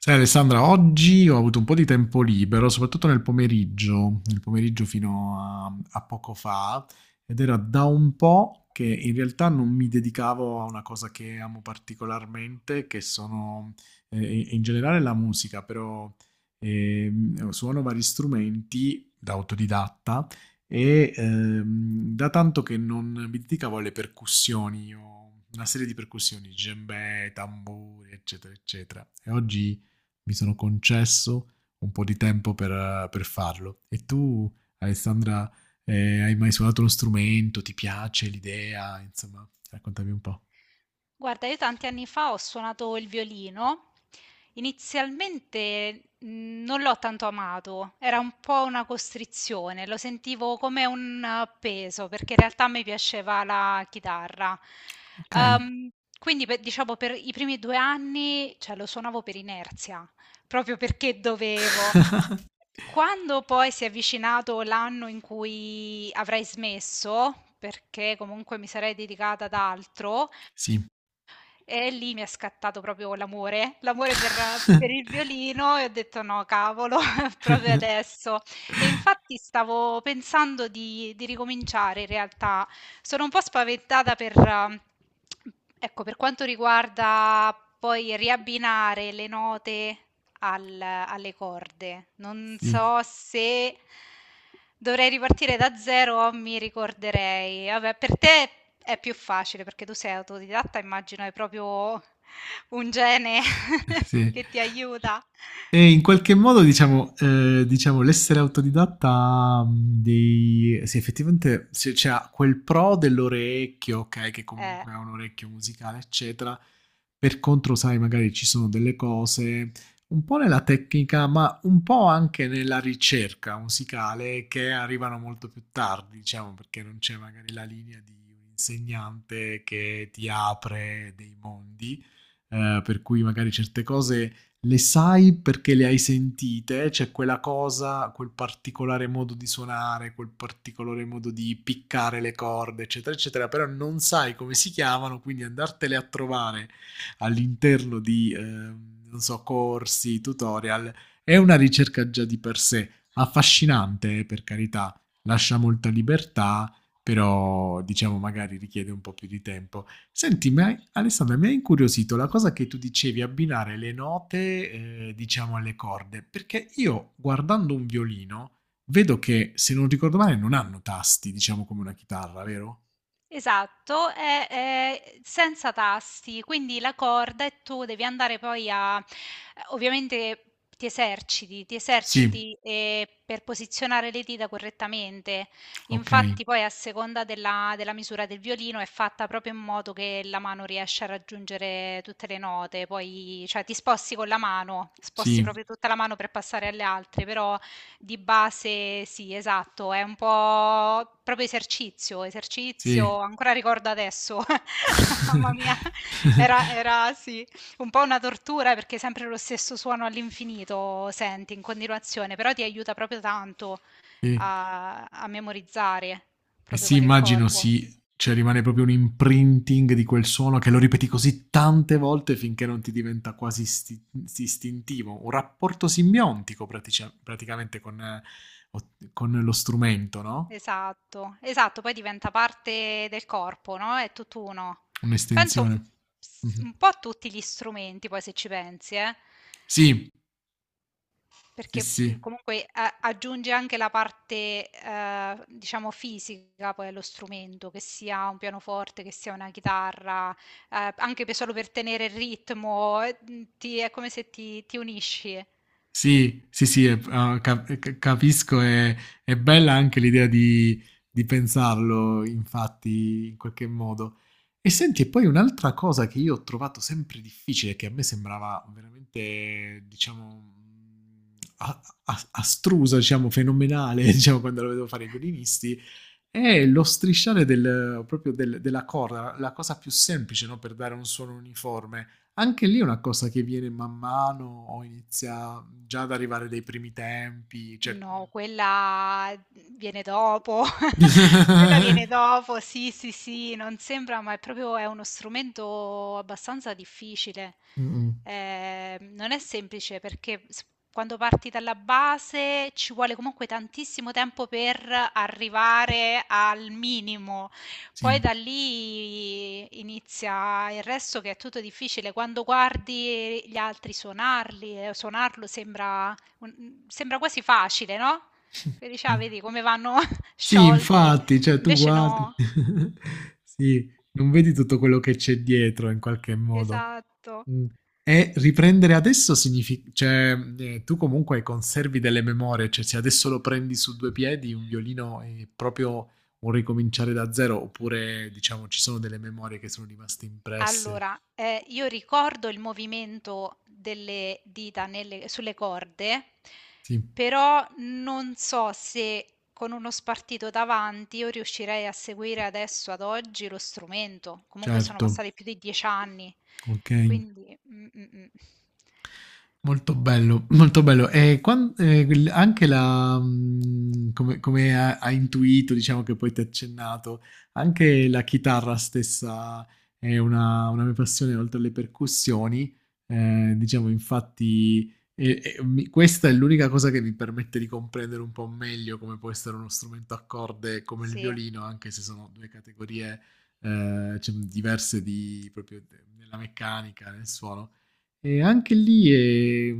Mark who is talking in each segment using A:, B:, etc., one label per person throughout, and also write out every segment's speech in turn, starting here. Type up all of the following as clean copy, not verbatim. A: Sai Alessandra, oggi ho avuto un po' di tempo libero, soprattutto nel pomeriggio fino a poco fa, ed era da un po' che in realtà non mi dedicavo a una cosa che amo particolarmente, che sono in generale la musica, però suono vari strumenti da autodidatta e da tanto che non mi dedicavo alle percussioni. Io ho una serie di percussioni, djembe, tamburi, eccetera, eccetera. E oggi mi sono concesso un po' di tempo per farlo. E tu, Alessandra, hai mai suonato uno strumento? Ti piace l'idea? Insomma, raccontami un po'.
B: Guarda, io tanti anni fa ho suonato il violino. Inizialmente non l'ho tanto amato, era un po' una costrizione, lo sentivo come un peso, perché in realtà mi piaceva la chitarra.
A: Ok.
B: Ehm, diciamo, per i primi due anni, cioè, lo suonavo per inerzia, proprio perché dovevo. Quando poi si è avvicinato l'anno in cui avrei smesso, perché comunque mi sarei dedicata ad altro,
A: Sì.
B: e lì mi è scattato proprio l'amore, l'amore per il violino e ho detto: "No, cavolo, proprio adesso". E infatti stavo pensando di ricominciare in realtà. Sono un po' spaventata per ecco, per quanto riguarda poi riabbinare le note alle corde. Non
A: Sì,
B: so se dovrei ripartire da zero o mi ricorderei. Vabbè, per te è più facile perché tu sei autodidatta, immagino hai proprio un gene
A: sì.
B: che ti aiuta.
A: E in qualche modo, diciamo, diciamo l'essere autodidatta ha, dei... sì, effettivamente se c'è quel pro dell'orecchio, ok, che
B: Eh.
A: comunque ha un orecchio musicale, eccetera. Per contro, sai, magari ci sono delle cose un po' nella tecnica, ma un po' anche nella ricerca musicale che arrivano molto più tardi, diciamo, perché non c'è magari la linea di un insegnante che ti apre dei mondi, per cui magari certe cose le sai perché le hai sentite, c'è cioè quella cosa, quel particolare modo di suonare, quel particolare modo di piccare le corde, eccetera, eccetera, però non sai come si chiamano, quindi andartele a trovare all'interno di non so, corsi, tutorial, è una ricerca già di per sé affascinante, per carità, lascia molta libertà, però diciamo magari richiede un po' più di tempo. Senti, ma Alessandra, mi ha incuriosito la cosa che tu dicevi, abbinare le note, diciamo, alle corde, perché io guardando un violino vedo che, se non ricordo male, non hanno tasti, diciamo, come una chitarra, vero?
B: Esatto, è senza tasti, quindi la corda e tu devi andare poi a, ovviamente ti eserciti,
A: Sì,
B: per posizionare le dita correttamente.
A: ok,
B: Infatti poi a seconda della misura del violino è fatta proprio in modo che la mano riesce a raggiungere tutte le note, poi cioè, ti sposti con la mano, sposti
A: sì,
B: proprio tutta la mano per passare alle altre, però di base sì, esatto, è un po' proprio esercizio,
A: sì.
B: esercizio, ancora ricordo adesso, mamma mia, era, era sì, un po' una tortura perché sempre lo stesso suono all'infinito senti in continuazione, però ti aiuta proprio tanto
A: Sì.
B: a, a memorizzare,
A: E
B: proprio
A: sì,
B: con il
A: immagino
B: corpo.
A: sì, cioè rimane proprio un imprinting di quel suono che lo ripeti così tante volte finché non ti diventa quasi istintivo, un rapporto simbiontico praticamente con, o- con lo strumento, no?
B: Esatto, esatto, poi diventa parte del corpo, no? È tutt'uno. Penso
A: Un'estensione. Mhm.
B: un po' a tutti gli strumenti, poi se ci pensi, eh.
A: Sì, sì,
B: Perché,
A: sì.
B: comunque a aggiunge anche la parte, diciamo fisica poi allo strumento, che sia un pianoforte, che sia una chitarra, anche pe solo per tenere il ritmo, ti è come se ti unisci.
A: Sì, sì, sì, capisco, è bella anche l'idea di pensarlo, infatti, in qualche modo. E senti, e poi un'altra cosa che io ho trovato sempre difficile, che a me sembrava veramente, diciamo, astrusa, diciamo, fenomenale,
B: Mh.
A: diciamo, quando lo vedevo fare i violinisti, è lo strisciare proprio della corda, la cosa più semplice, no, per dare un suono uniforme. Anche lì è una cosa che viene man mano o inizia già ad arrivare dai primi tempi, cioè
B: No, quella viene dopo. Quella viene dopo, sì, sì, sì, non sembra, ma è proprio è uno strumento abbastanza difficile.
A: Mh-mh,
B: Non è semplice perché s- quando parti dalla base ci vuole comunque tantissimo tempo per arrivare al minimo.
A: sì.
B: Poi da lì inizia il resto che è tutto difficile. Quando guardi gli altri suonarli, suonarlo sembra un sembra quasi facile, no, che dici:
A: Eh.
B: "Ah, vedi come vanno
A: Sì,
B: sciolti."
A: infatti, cioè tu
B: Invece
A: guardi.
B: no.
A: Sì, non vedi tutto quello che c'è dietro in qualche modo.
B: Esatto.
A: Mh. E riprendere adesso signifi cioè, tu comunque conservi delle memorie, cioè se adesso lo prendi su 2 piedi un violino è proprio un ricominciare da zero, oppure diciamo ci sono delle memorie che sono rimaste impresse.
B: Allora, io ricordo il movimento delle dita nelle sulle corde,
A: Sì,
B: però non so se con uno spartito davanti io riuscirei a seguire adesso, ad oggi, lo strumento. Comunque sono
A: certo,
B: passati più di 10 anni,
A: okay.
B: quindi mh.
A: Molto bello, molto bello. E anche la, mm, come, come ha, ha intuito, diciamo che poi ti ha accennato, anche la chitarra stessa è una mia passione, oltre alle percussioni. Diciamo, infatti, questa è l'unica cosa che mi permette di comprendere un po' meglio come può essere uno strumento a corde come il
B: Sì.
A: violino, anche se sono due categorie, cioè, diverse di, proprio nella meccanica, nel suono. E anche lì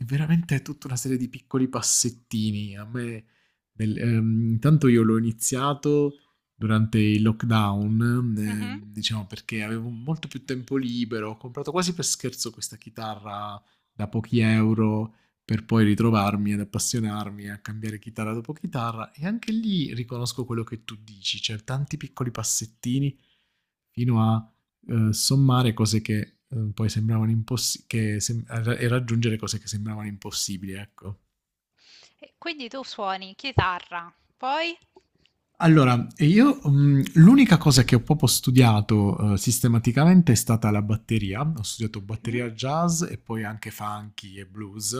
A: è veramente tutta una serie di piccoli passettini. A me, intanto io l'ho iniziato durante il lockdown,
B: Mh-mh.
A: diciamo perché avevo molto più tempo libero. Ho comprato quasi per scherzo questa chitarra da pochi euro per poi ritrovarmi ad appassionarmi a cambiare chitarra dopo chitarra. E anche lì riconosco quello che tu dici, cioè tanti piccoli passettini fino a sommare cose che poi sembravano impossibili, e raggiungere cose che sembravano impossibili, ecco.
B: E quindi tu suoni chitarra, poi
A: Allora, io l'unica cosa che ho proprio studiato sistematicamente è stata la batteria. Ho studiato
B: Mhm.
A: batteria jazz e poi anche funky e blues,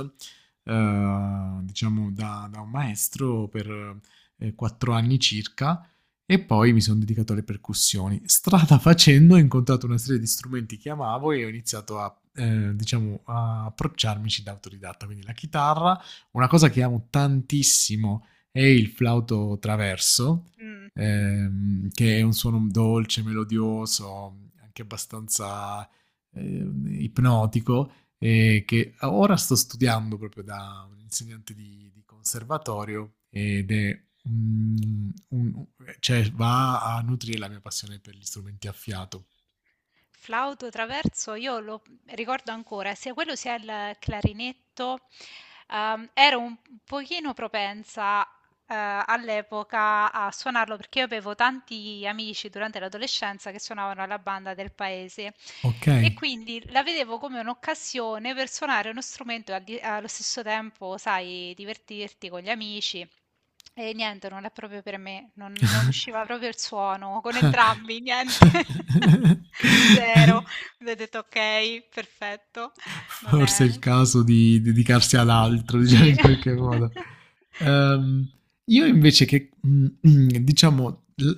A: diciamo da un maestro per quattro anni circa e poi mi sono dedicato alle percussioni. Strada facendo ho incontrato una serie di strumenti che amavo e ho iniziato diciamo, a approcciarmici da autodidatta, quindi la chitarra, una cosa che amo tantissimo è il flauto traverso,
B: Mm.
A: che è un suono dolce, melodioso, anche abbastanza eh, ipnotico, e che ora sto studiando proprio da un insegnante di conservatorio ed è un- un- cioè va a nutrire la mia passione per gli strumenti a fiato.
B: Flauto traverso, io lo ricordo ancora, sia quello sia il clarinetto, ero un pochino propensa eh, all'epoca a suonarlo perché io avevo tanti amici durante l'adolescenza che suonavano la banda del paese
A: Ok.
B: e quindi la vedevo come un'occasione per suonare uno strumento e allo stesso tempo, sai, divertirti con gli amici. E niente, non è proprio per me, non, non usciva proprio il suono con entrambi, niente. Zero. Quindi ho detto ok, perfetto. Non
A: Forse è il
B: è...
A: caso di dedicarsi ad altro, diciamo
B: Sì.
A: in qualche modo. Ehm, io invece che, diciamo,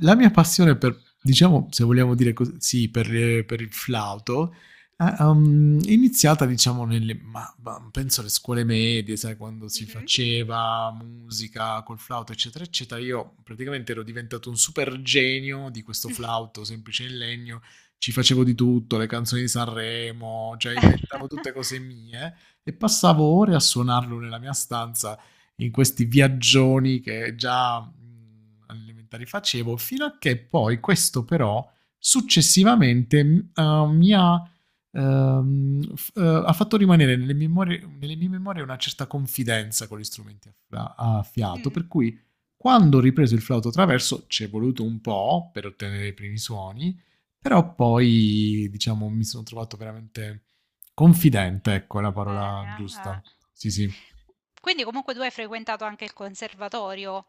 A: la mia passione per, diciamo, se vogliamo dire così, per il flauto è iniziata, diciamo, nelle, ma penso alle scuole medie, sai, quando si
B: Mhm.
A: faceva musica col flauto, eccetera, eccetera. Io praticamente ero diventato un super genio di questo flauto semplice in legno, ci facevo di tutto, le canzoni di Sanremo, cioè inventavo tutte cose mie e passavo ore a suonarlo nella mia stanza in questi viaggioni che già alle elementari facevo, fino a che poi questo però successivamente mi ha, ha fatto rimanere nelle, nelle mie memorie una certa confidenza con gli strumenti a a fiato,
B: Mh,
A: per cui quando ho ripreso il flauto traverso ci è voluto un po' per ottenere i primi suoni, però poi, diciamo, mi sono trovato veramente confidente, ecco, è la
B: bene,
A: parola
B: ah, ah.
A: giusta. Sì, sì.
B: Quindi comunque tu hai frequentato anche il conservatorio?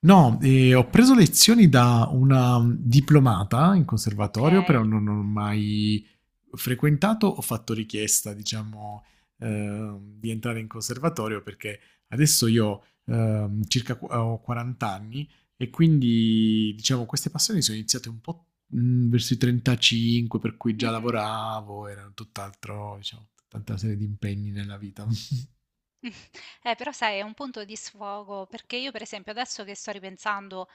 A: No, ho preso lezioni da una diplomata in conservatorio, però
B: Okay.
A: non ho mai frequentato, ho fatto richiesta, diciamo, di entrare in conservatorio perché adesso io ho 40 anni e quindi, diciamo, queste passioni sono iniziate un po' verso i 35, per cui già
B: Mh-mh.
A: lavoravo, erano tutt'altro, diciamo, tutta una serie di impegni nella vita.
B: Però sai è un punto di sfogo, perché io per esempio adesso che sto ripensando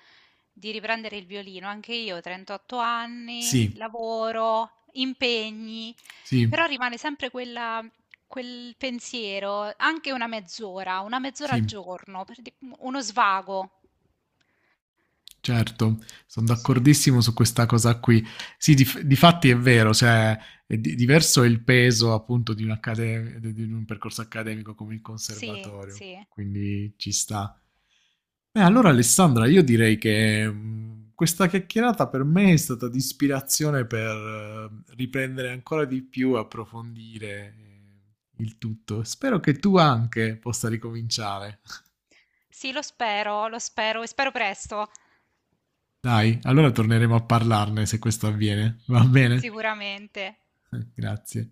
B: di riprendere il violino, anche io 38 anni,
A: Sì,
B: lavoro, impegni,
A: sì,
B: però rimane sempre quel pensiero, anche una mezz'ora al
A: sì.
B: giorno, per di uno svago.
A: Certo, sono
B: Sì,
A: d'accordissimo su questa cosa qui. Sì, difatti è vero, cioè, è diverso è il peso appunto di un, di un percorso accademico come il
B: sì,
A: conservatorio,
B: sì.
A: quindi ci sta. Beh, allora Alessandra, io direi che questa chiacchierata per me è stata di ispirazione per riprendere ancora di più, approfondire il tutto. Spero che tu anche possa ricominciare.
B: Sì, lo spero e spero presto,
A: Dai, allora torneremo a parlarne se questo avviene, va bene?
B: sicuramente.
A: Grazie.